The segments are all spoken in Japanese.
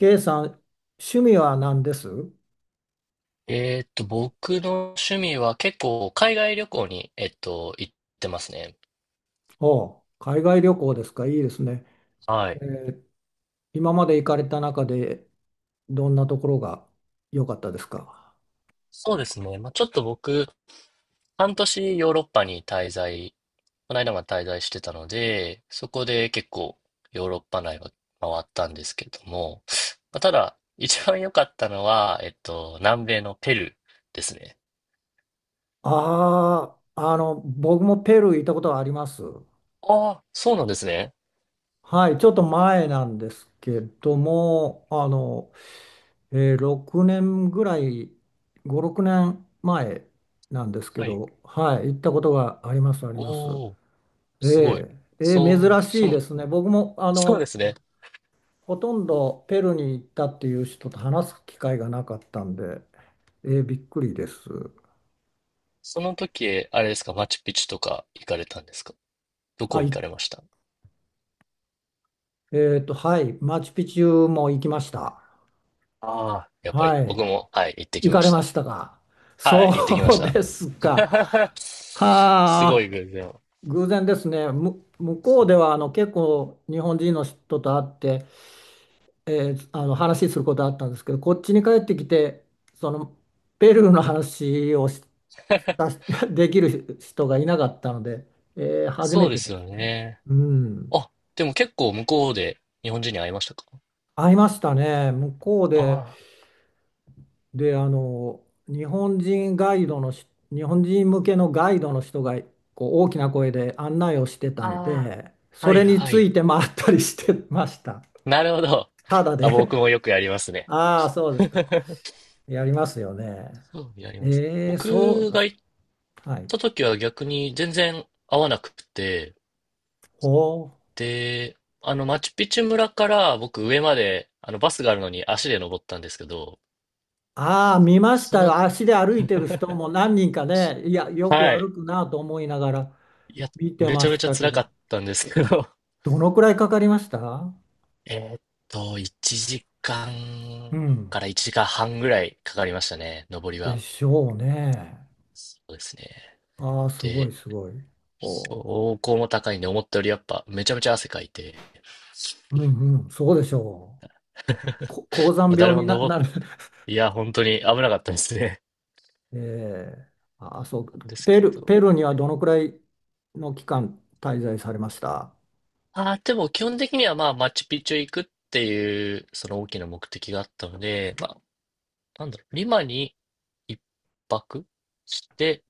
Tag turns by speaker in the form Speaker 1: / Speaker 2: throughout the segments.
Speaker 1: K さん、趣味は何です？
Speaker 2: 僕の趣味は結構海外旅行に、行ってますね。
Speaker 1: おう、海外旅行ですか。いいですね。
Speaker 2: は
Speaker 1: え
Speaker 2: い。
Speaker 1: ー今まで行かれた中でどんなところが良かったですか？
Speaker 2: そうですね。まあ、ちょっと僕、半年ヨーロッパに滞在、この間まで滞在してたので、そこで結構ヨーロッパ内は回ったんですけれども、まあ、ただ、一番良かったのは、南米のペルーですね。
Speaker 1: ああー、僕もペルー行ったことはあります。
Speaker 2: ああ、そうなんですね。
Speaker 1: はい、ちょっと前なんですけども、6年ぐらい、5、6年前なんですけ
Speaker 2: はい。
Speaker 1: ど、はい、行ったことがあります、あります。
Speaker 2: おお
Speaker 1: え
Speaker 2: すごい。
Speaker 1: えええ珍
Speaker 2: そう、
Speaker 1: し
Speaker 2: そ
Speaker 1: い
Speaker 2: の、
Speaker 1: ですね。僕も
Speaker 2: そうですね。
Speaker 1: ほとんどペルーに行ったっていう人と話す機会がなかったんで、びっくりです。
Speaker 2: その時、あれですか、マチュピチュとか行かれたんですか？ど
Speaker 1: は
Speaker 2: こ行
Speaker 1: い。
Speaker 2: かれました？
Speaker 1: はい。マチュピチュも行きました。
Speaker 2: ああ、やっぱり、
Speaker 1: はい。
Speaker 2: 僕も、はい、行ってき
Speaker 1: 行
Speaker 2: ま
Speaker 1: かれ
Speaker 2: し
Speaker 1: ま
Speaker 2: た。
Speaker 1: したか？
Speaker 2: はい、行ってきまし
Speaker 1: そう
Speaker 2: た。
Speaker 1: ですか。
Speaker 2: すご
Speaker 1: はあ、
Speaker 2: い偶然。
Speaker 1: 偶然ですね。向こうでは結構日本人の人と会って、話することあったんですけど、こっちに帰ってきて、そのペルーの話をしした し できる人がいなかったので、初め
Speaker 2: そうで
Speaker 1: てで
Speaker 2: すよ
Speaker 1: す。
Speaker 2: ね。
Speaker 1: うん、
Speaker 2: あ、でも結構向こうで日本人に会いましたか？
Speaker 1: 会いましたね、向こうで、
Speaker 2: あ
Speaker 1: で、日本人ガイドのし、日本人向けのガイドの人がこう大きな声で案内をしてた
Speaker 2: あ、
Speaker 1: ん
Speaker 2: あ
Speaker 1: で、
Speaker 2: あ、
Speaker 1: そ
Speaker 2: はい
Speaker 1: れに
Speaker 2: は
Speaker 1: つ
Speaker 2: い。
Speaker 1: いて回ったりしてました。
Speaker 2: なるほど。
Speaker 1: ただ
Speaker 2: あ、
Speaker 1: で、
Speaker 2: 僕もよくやり ますね。
Speaker 1: ああ、そうですか。やりますよね。
Speaker 2: そう、やります。
Speaker 1: そ
Speaker 2: 僕
Speaker 1: う、
Speaker 2: が行っ
Speaker 1: はい。
Speaker 2: た時は逆に全然会わなくて、
Speaker 1: ほう。
Speaker 2: で、あの、マチュピチュ村から僕上まで、あの、バスがあるのに足で登ったんですけど、
Speaker 1: ああ、見まし
Speaker 2: そ
Speaker 1: たよ。
Speaker 2: の、
Speaker 1: 足で歩いてる人も何人かね、いや、よく
Speaker 2: は
Speaker 1: 歩
Speaker 2: い。
Speaker 1: くなと思いながら
Speaker 2: いや、
Speaker 1: 見て
Speaker 2: めち
Speaker 1: ま
Speaker 2: ゃめ
Speaker 1: し
Speaker 2: ちゃ
Speaker 1: たけ
Speaker 2: 辛か
Speaker 1: ど、
Speaker 2: ったんですけど、
Speaker 1: どのくらいかかりました？
Speaker 2: えーっ1時間か
Speaker 1: う
Speaker 2: ん
Speaker 1: ん。
Speaker 2: から1時間半ぐらいかかりましたね、登り
Speaker 1: で
Speaker 2: は。
Speaker 1: しょうね。
Speaker 2: そうですね。
Speaker 1: ああ、すご
Speaker 2: で、
Speaker 1: いすごい。お
Speaker 2: 標
Speaker 1: う。
Speaker 2: 高も高いんで、思ったよりやっぱめちゃめちゃ汗かいて、
Speaker 1: うんうん、そうでしょう。高山
Speaker 2: まあ
Speaker 1: 病
Speaker 2: 誰も
Speaker 1: にな、
Speaker 2: 登っ、
Speaker 1: なる。
Speaker 2: いや、本当に危なかったですね。
Speaker 1: ええああ、そう。
Speaker 2: なんですけ
Speaker 1: ペル、
Speaker 2: ど、
Speaker 1: ペルーにはどのくらいの期間滞在されました？
Speaker 2: ああ、でも基本的にはまあ、マチュピチュ行くっていう、その大きな目的があったので、まあ、なんだろう、リマに一泊して、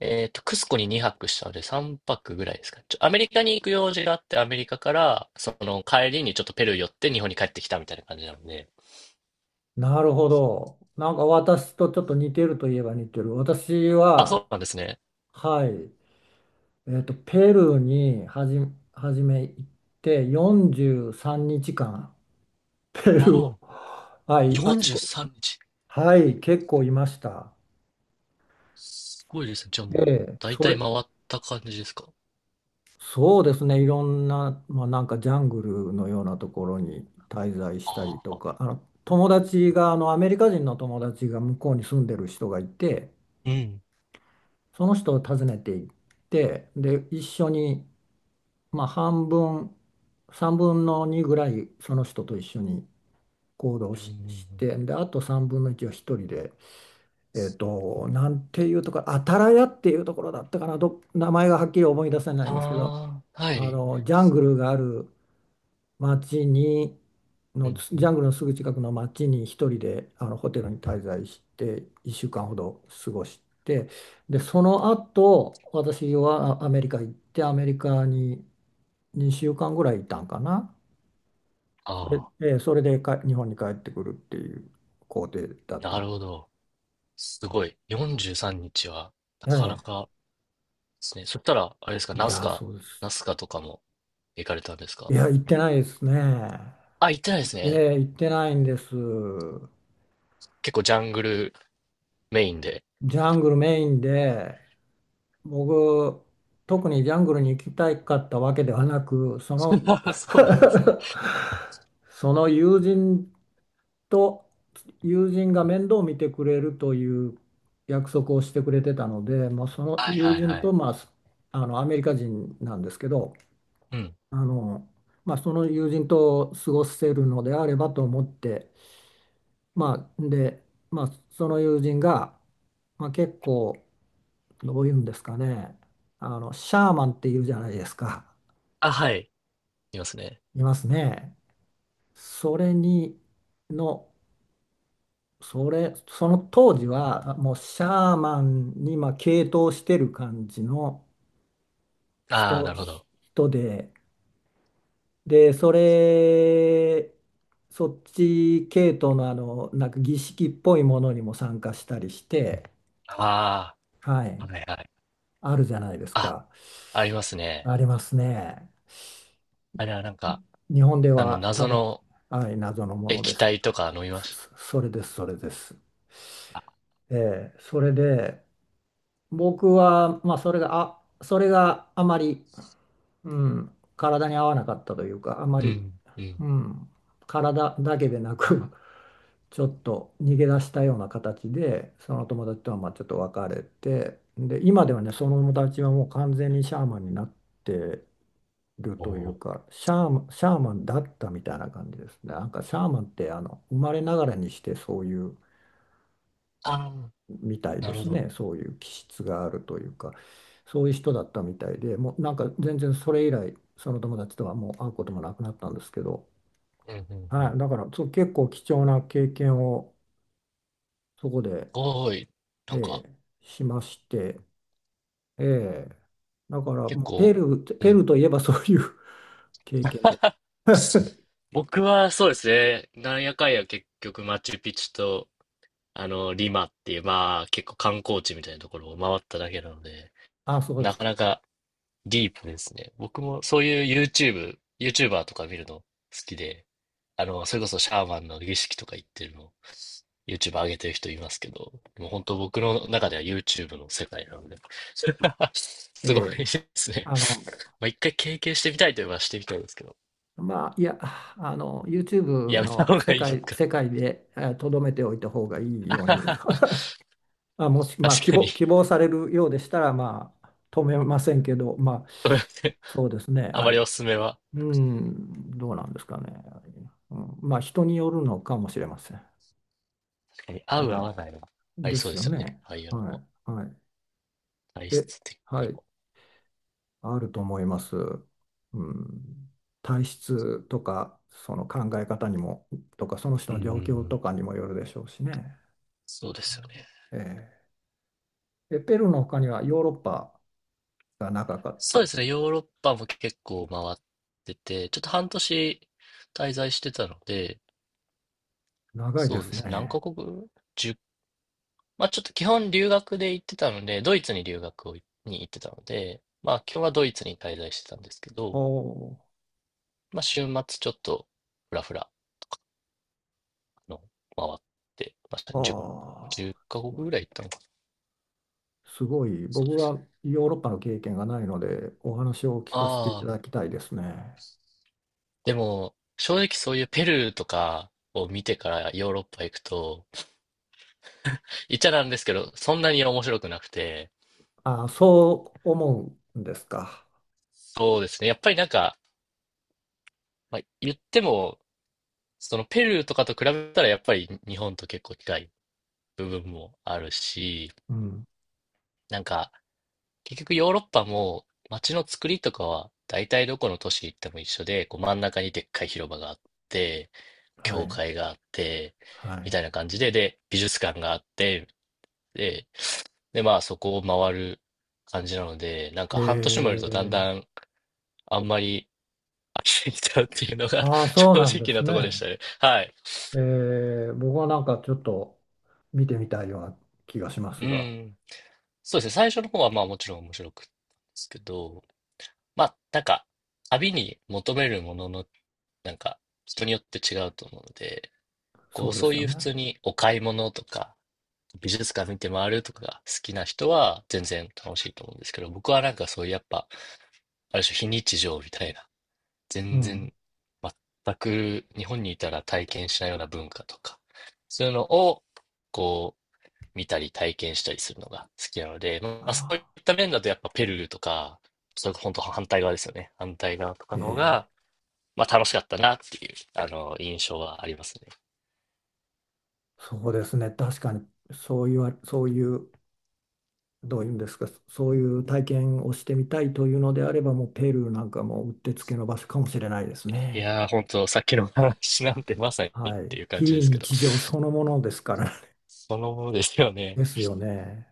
Speaker 2: クスコに2泊したので3泊ぐらいですか。ちょ、アメリカに行く用事があって、アメリカから、その帰りにちょっとペルー寄って日本に帰ってきたみたいな感じなので。
Speaker 1: なるほど。なんか私とちょっと似てるといえば似てる。私
Speaker 2: あ、そ
Speaker 1: は、
Speaker 2: うなんですね。
Speaker 1: はい、ペルーにはじめ行って43日間、ペルー
Speaker 2: あ
Speaker 1: を、
Speaker 2: あ、
Speaker 1: はい、あち
Speaker 2: 43
Speaker 1: こ、
Speaker 2: 日。
Speaker 1: はい、結構いました。
Speaker 2: すごいですね。じゃあもう、
Speaker 1: ええ、
Speaker 2: だいたい回った感じですか。
Speaker 1: そうですね、いろんな、まあ、なんかジャングルのようなところに滞在したり
Speaker 2: あ
Speaker 1: と
Speaker 2: あ、
Speaker 1: か、あの友達が、あのアメリカ人の友達が向こうに住んでる人がいて、
Speaker 2: うん。
Speaker 1: その人を訪ねていって、で、一緒に、まあ、半分、3分の2ぐらい、その人と一緒に行動
Speaker 2: うんうんう
Speaker 1: し、し
Speaker 2: ん。
Speaker 1: て、で、あと3分の1は一人で、なんていうところ、アタラヤっていうところだったかな、名前がはっきり思い出せないんですけど、
Speaker 2: ああ、は
Speaker 1: あ
Speaker 2: い。
Speaker 1: のジャングルがある。町に
Speaker 2: う
Speaker 1: のジ
Speaker 2: んう
Speaker 1: ャン
Speaker 2: ん
Speaker 1: グルのすぐ近くの町に一人であのホテルに滞在して1週間ほど過ごして、でその後私はアメリカ行ってアメリカに2週間ぐらいいたんかな。それ
Speaker 2: ああ、
Speaker 1: で、それでか日本に帰ってくるっていう工程だっ
Speaker 2: な
Speaker 1: た。
Speaker 2: るほど。すごい。43日は、なか
Speaker 1: え
Speaker 2: な
Speaker 1: え。
Speaker 2: かですね。そしたら、あれですか、
Speaker 1: い
Speaker 2: ナス
Speaker 1: や、
Speaker 2: カ、
Speaker 1: そうです。
Speaker 2: ナスカとかも行かれたんです
Speaker 1: い
Speaker 2: か？
Speaker 1: や、行ってないですね。
Speaker 2: あ、行ってないです
Speaker 1: え
Speaker 2: ね。
Speaker 1: え、行ってないんです。
Speaker 2: 結構ジャングルメインで。
Speaker 1: ジャングルメインで僕、特にジャングルに行きたかったわけではなく、そ
Speaker 2: そ
Speaker 1: の
Speaker 2: うなんですね。
Speaker 1: その友人と友人が面倒を見てくれるという約束をしてくれてたので、まあ、その
Speaker 2: はい
Speaker 1: 友
Speaker 2: はい
Speaker 1: 人
Speaker 2: はい。
Speaker 1: と、まあ、あのアメリカ人なんですけど、
Speaker 2: うん。
Speaker 1: あの、まあ、その友人と過ごせるのであればと思って、まあ、で、まあ、その友人が、まあ、結構どういうんですかね。シャーマンっていうじゃないですか。
Speaker 2: あ、はい。いますね。
Speaker 1: いますね。それに、の、それ、その当時は、もうシャーマンに、まあ、傾倒してる感じの
Speaker 2: ああ、
Speaker 1: 人、
Speaker 2: なるほど。
Speaker 1: 人で、で、そっち系統のなんか儀式っぽいものにも参加したりして、
Speaker 2: あ
Speaker 1: は
Speaker 2: あ、
Speaker 1: い、
Speaker 2: はいはい。
Speaker 1: あるじゃないです
Speaker 2: あ、
Speaker 1: か。
Speaker 2: ありますね。
Speaker 1: ありますね。
Speaker 2: あれはなんか、
Speaker 1: 日本で
Speaker 2: あの、
Speaker 1: は多
Speaker 2: 謎
Speaker 1: 分、
Speaker 2: の
Speaker 1: はい、謎のもので
Speaker 2: 液
Speaker 1: すね。
Speaker 2: 体とか飲みま
Speaker 1: そ、
Speaker 2: した。
Speaker 1: そそれです、それです。
Speaker 2: あ
Speaker 1: ええ、それで、僕は、まあ、それがあまり、うん、体に合わなかったというか、あま
Speaker 2: う
Speaker 1: り、
Speaker 2: ん、うん。
Speaker 1: うん、体だけでなく、ちょっと逃げ出したような形で、その友達とはまあちょっと別れて、で、今ではね、その友達はもう完全にシャーマンになってる
Speaker 2: お
Speaker 1: という
Speaker 2: お。
Speaker 1: か、シャーマンだったみたいな感じですね。なんかシャーマンって、生まれながらにしてそういう、
Speaker 2: ああ、
Speaker 1: みたい
Speaker 2: な
Speaker 1: で
Speaker 2: るほ
Speaker 1: す
Speaker 2: ど。
Speaker 1: ね。そういう気質があるというか、そういう人だったみたいで、もうなんか全然それ以来、その友達とはもう会うこともなくなったんですけど、
Speaker 2: うんうんう
Speaker 1: はい、
Speaker 2: ん。
Speaker 1: だからそう結構貴重な経験をそこで、
Speaker 2: ごい。なん
Speaker 1: え
Speaker 2: か、
Speaker 1: えしまして、ええだから
Speaker 2: 結
Speaker 1: もうペ
Speaker 2: 構、
Speaker 1: ルー、
Speaker 2: う
Speaker 1: ペ
Speaker 2: ん。
Speaker 1: ルーといえばそういう 経験で、
Speaker 2: 僕はそうですね、なんやかんや結局マチュピチュと、あの、リマっていう、まあ結構観光地みたいなところを回っただけなので、
Speaker 1: あ、そうで
Speaker 2: な
Speaker 1: す
Speaker 2: か
Speaker 1: か。
Speaker 2: なかディープですね。僕もそういう YouTube、YouTuber とか見るの好きで、あの、それこそシャーマンの儀式とか行ってるの YouTube 上げてる人いますけど、もう本当僕の中では YouTube の世界なので、
Speaker 1: え
Speaker 2: すご
Speaker 1: え
Speaker 2: いですね。
Speaker 1: あの、
Speaker 2: まあ一回経験してみたいといえばしてみたいですけど、
Speaker 1: まあ、いや、YouTube
Speaker 2: やめた
Speaker 1: の
Speaker 2: 方
Speaker 1: 世
Speaker 2: がいいです
Speaker 1: 界、
Speaker 2: か？
Speaker 1: 世界で、とどめておいた方がいいように あ、もし、まあ、
Speaker 2: 確
Speaker 1: 希
Speaker 2: かに、
Speaker 1: 望、
Speaker 2: す
Speaker 1: 希望されるようでしたら、まあ、止めませんけど、まあ、
Speaker 2: みません。
Speaker 1: そうですね、
Speaker 2: あま
Speaker 1: はい。
Speaker 2: りおすすめは、
Speaker 1: うん、どうなんですかね。うん、まあ、人によるのかもしれません。
Speaker 2: 確かに合
Speaker 1: え
Speaker 2: う合
Speaker 1: え、
Speaker 2: わないはあり
Speaker 1: で
Speaker 2: そう
Speaker 1: す
Speaker 2: で
Speaker 1: よ
Speaker 2: すよね。
Speaker 1: ね。
Speaker 2: ああいうの
Speaker 1: は
Speaker 2: も、
Speaker 1: い、はい。
Speaker 2: 体
Speaker 1: え、
Speaker 2: 質的に
Speaker 1: はい、
Speaker 2: も。
Speaker 1: あると思います。うん、体質とか、その考え方にも、とか、その人
Speaker 2: うん
Speaker 1: の
Speaker 2: うん
Speaker 1: 状況
Speaker 2: うん。
Speaker 1: とかにもよるでしょうしね。
Speaker 2: そうですよね。
Speaker 1: ええ、ペルーの他にはヨーロッパが長かっ
Speaker 2: そうで
Speaker 1: た。
Speaker 2: すね。ヨーロッパも結構回ってて、ちょっと半年滞在してたので、
Speaker 1: 長いで
Speaker 2: そうで
Speaker 1: す
Speaker 2: すね。何
Speaker 1: ね。
Speaker 2: カ国？ 10、 まあちょっと基本留学で行ってたので、ドイツに留学をいに行ってたので、まあ今日はドイツに滞在してたんですけど、
Speaker 1: お
Speaker 2: まあ週末ちょっとふらふらあの回ってました
Speaker 1: あ
Speaker 2: ね。10、じゅ
Speaker 1: あ
Speaker 2: っ
Speaker 1: ー、
Speaker 2: カ
Speaker 1: す
Speaker 2: 国
Speaker 1: ごい。
Speaker 2: ぐらい行ったのかな。
Speaker 1: すごい。
Speaker 2: そう
Speaker 1: 僕
Speaker 2: です。
Speaker 1: はヨーロッパの経験がないので、お話を聞かせていた
Speaker 2: ああ、
Speaker 1: だきたいですね。
Speaker 2: でも正直そういうペルーとかを見てからヨーロッパ行くと、言っちゃなんですけど、そんなに面白くなくて、
Speaker 1: あーそう思うんですか。
Speaker 2: そうですね。やっぱりなんか、まあ、言っても、そのペルーとかと比べたらやっぱり日本と結構近い部分もあるし、
Speaker 1: うん。
Speaker 2: なんか、結局ヨーロッパも街の作りとかは大体どこの都市行っても一緒で、こう真ん中にでっかい広場があって、
Speaker 1: は
Speaker 2: 教
Speaker 1: い。
Speaker 2: 会があって、
Speaker 1: は
Speaker 2: みたい
Speaker 1: い。
Speaker 2: な感じで、で、美術館があって、で、で、まあそこを回る感じなので、なん
Speaker 1: え
Speaker 2: か半年もいるとだん
Speaker 1: ー、
Speaker 2: だんあんまり飽きてきちゃうっていうのが
Speaker 1: ああ、
Speaker 2: 正
Speaker 1: そうなんで
Speaker 2: 直
Speaker 1: す
Speaker 2: なとこでし
Speaker 1: ね。
Speaker 2: たね。はい。
Speaker 1: 僕はなんかちょっと見てみたいような気がします
Speaker 2: う
Speaker 1: が、
Speaker 2: ん。そうですね。最初の方はまあもちろん面白くったですけど、まあ、なんか、旅に求めるものの、なんか、人によって違うと思うので、こ
Speaker 1: そ
Speaker 2: う、
Speaker 1: うで
Speaker 2: そ
Speaker 1: す
Speaker 2: う
Speaker 1: よ
Speaker 2: いう普
Speaker 1: ね。
Speaker 2: 通にお買い物とか、美術館見て回るとかが好きな人は全然楽しいと思うんですけど、僕はなんかそういうやっぱ、ある種非日常みたいな、
Speaker 1: う
Speaker 2: 全
Speaker 1: ん。
Speaker 2: 然、全く日本にいたら体験しないような文化とか、そういうのを、こう、見たり体験したりするのが好きなので、まあ、そう
Speaker 1: あ
Speaker 2: いった面だとやっぱペルーとか、それこそ本当反対側ですよね。反対側とかの方
Speaker 1: あ、
Speaker 2: が、
Speaker 1: ええ
Speaker 2: まあ楽しかったなっていう、あの、印象はありますね。
Speaker 1: そうですね。確かに、そういうどういうんですか、そういう体験をしてみたいというのであれば、もうペルーなんかもうってつけの場所かもしれないです
Speaker 2: い
Speaker 1: ね。
Speaker 2: やー、本当さっきの話なんてまさにっ
Speaker 1: は
Speaker 2: て
Speaker 1: い。
Speaker 2: いう感じ
Speaker 1: 非
Speaker 2: ですけど、
Speaker 1: 日常そのものですから。
Speaker 2: そのものですよ ね。
Speaker 1: ですよね。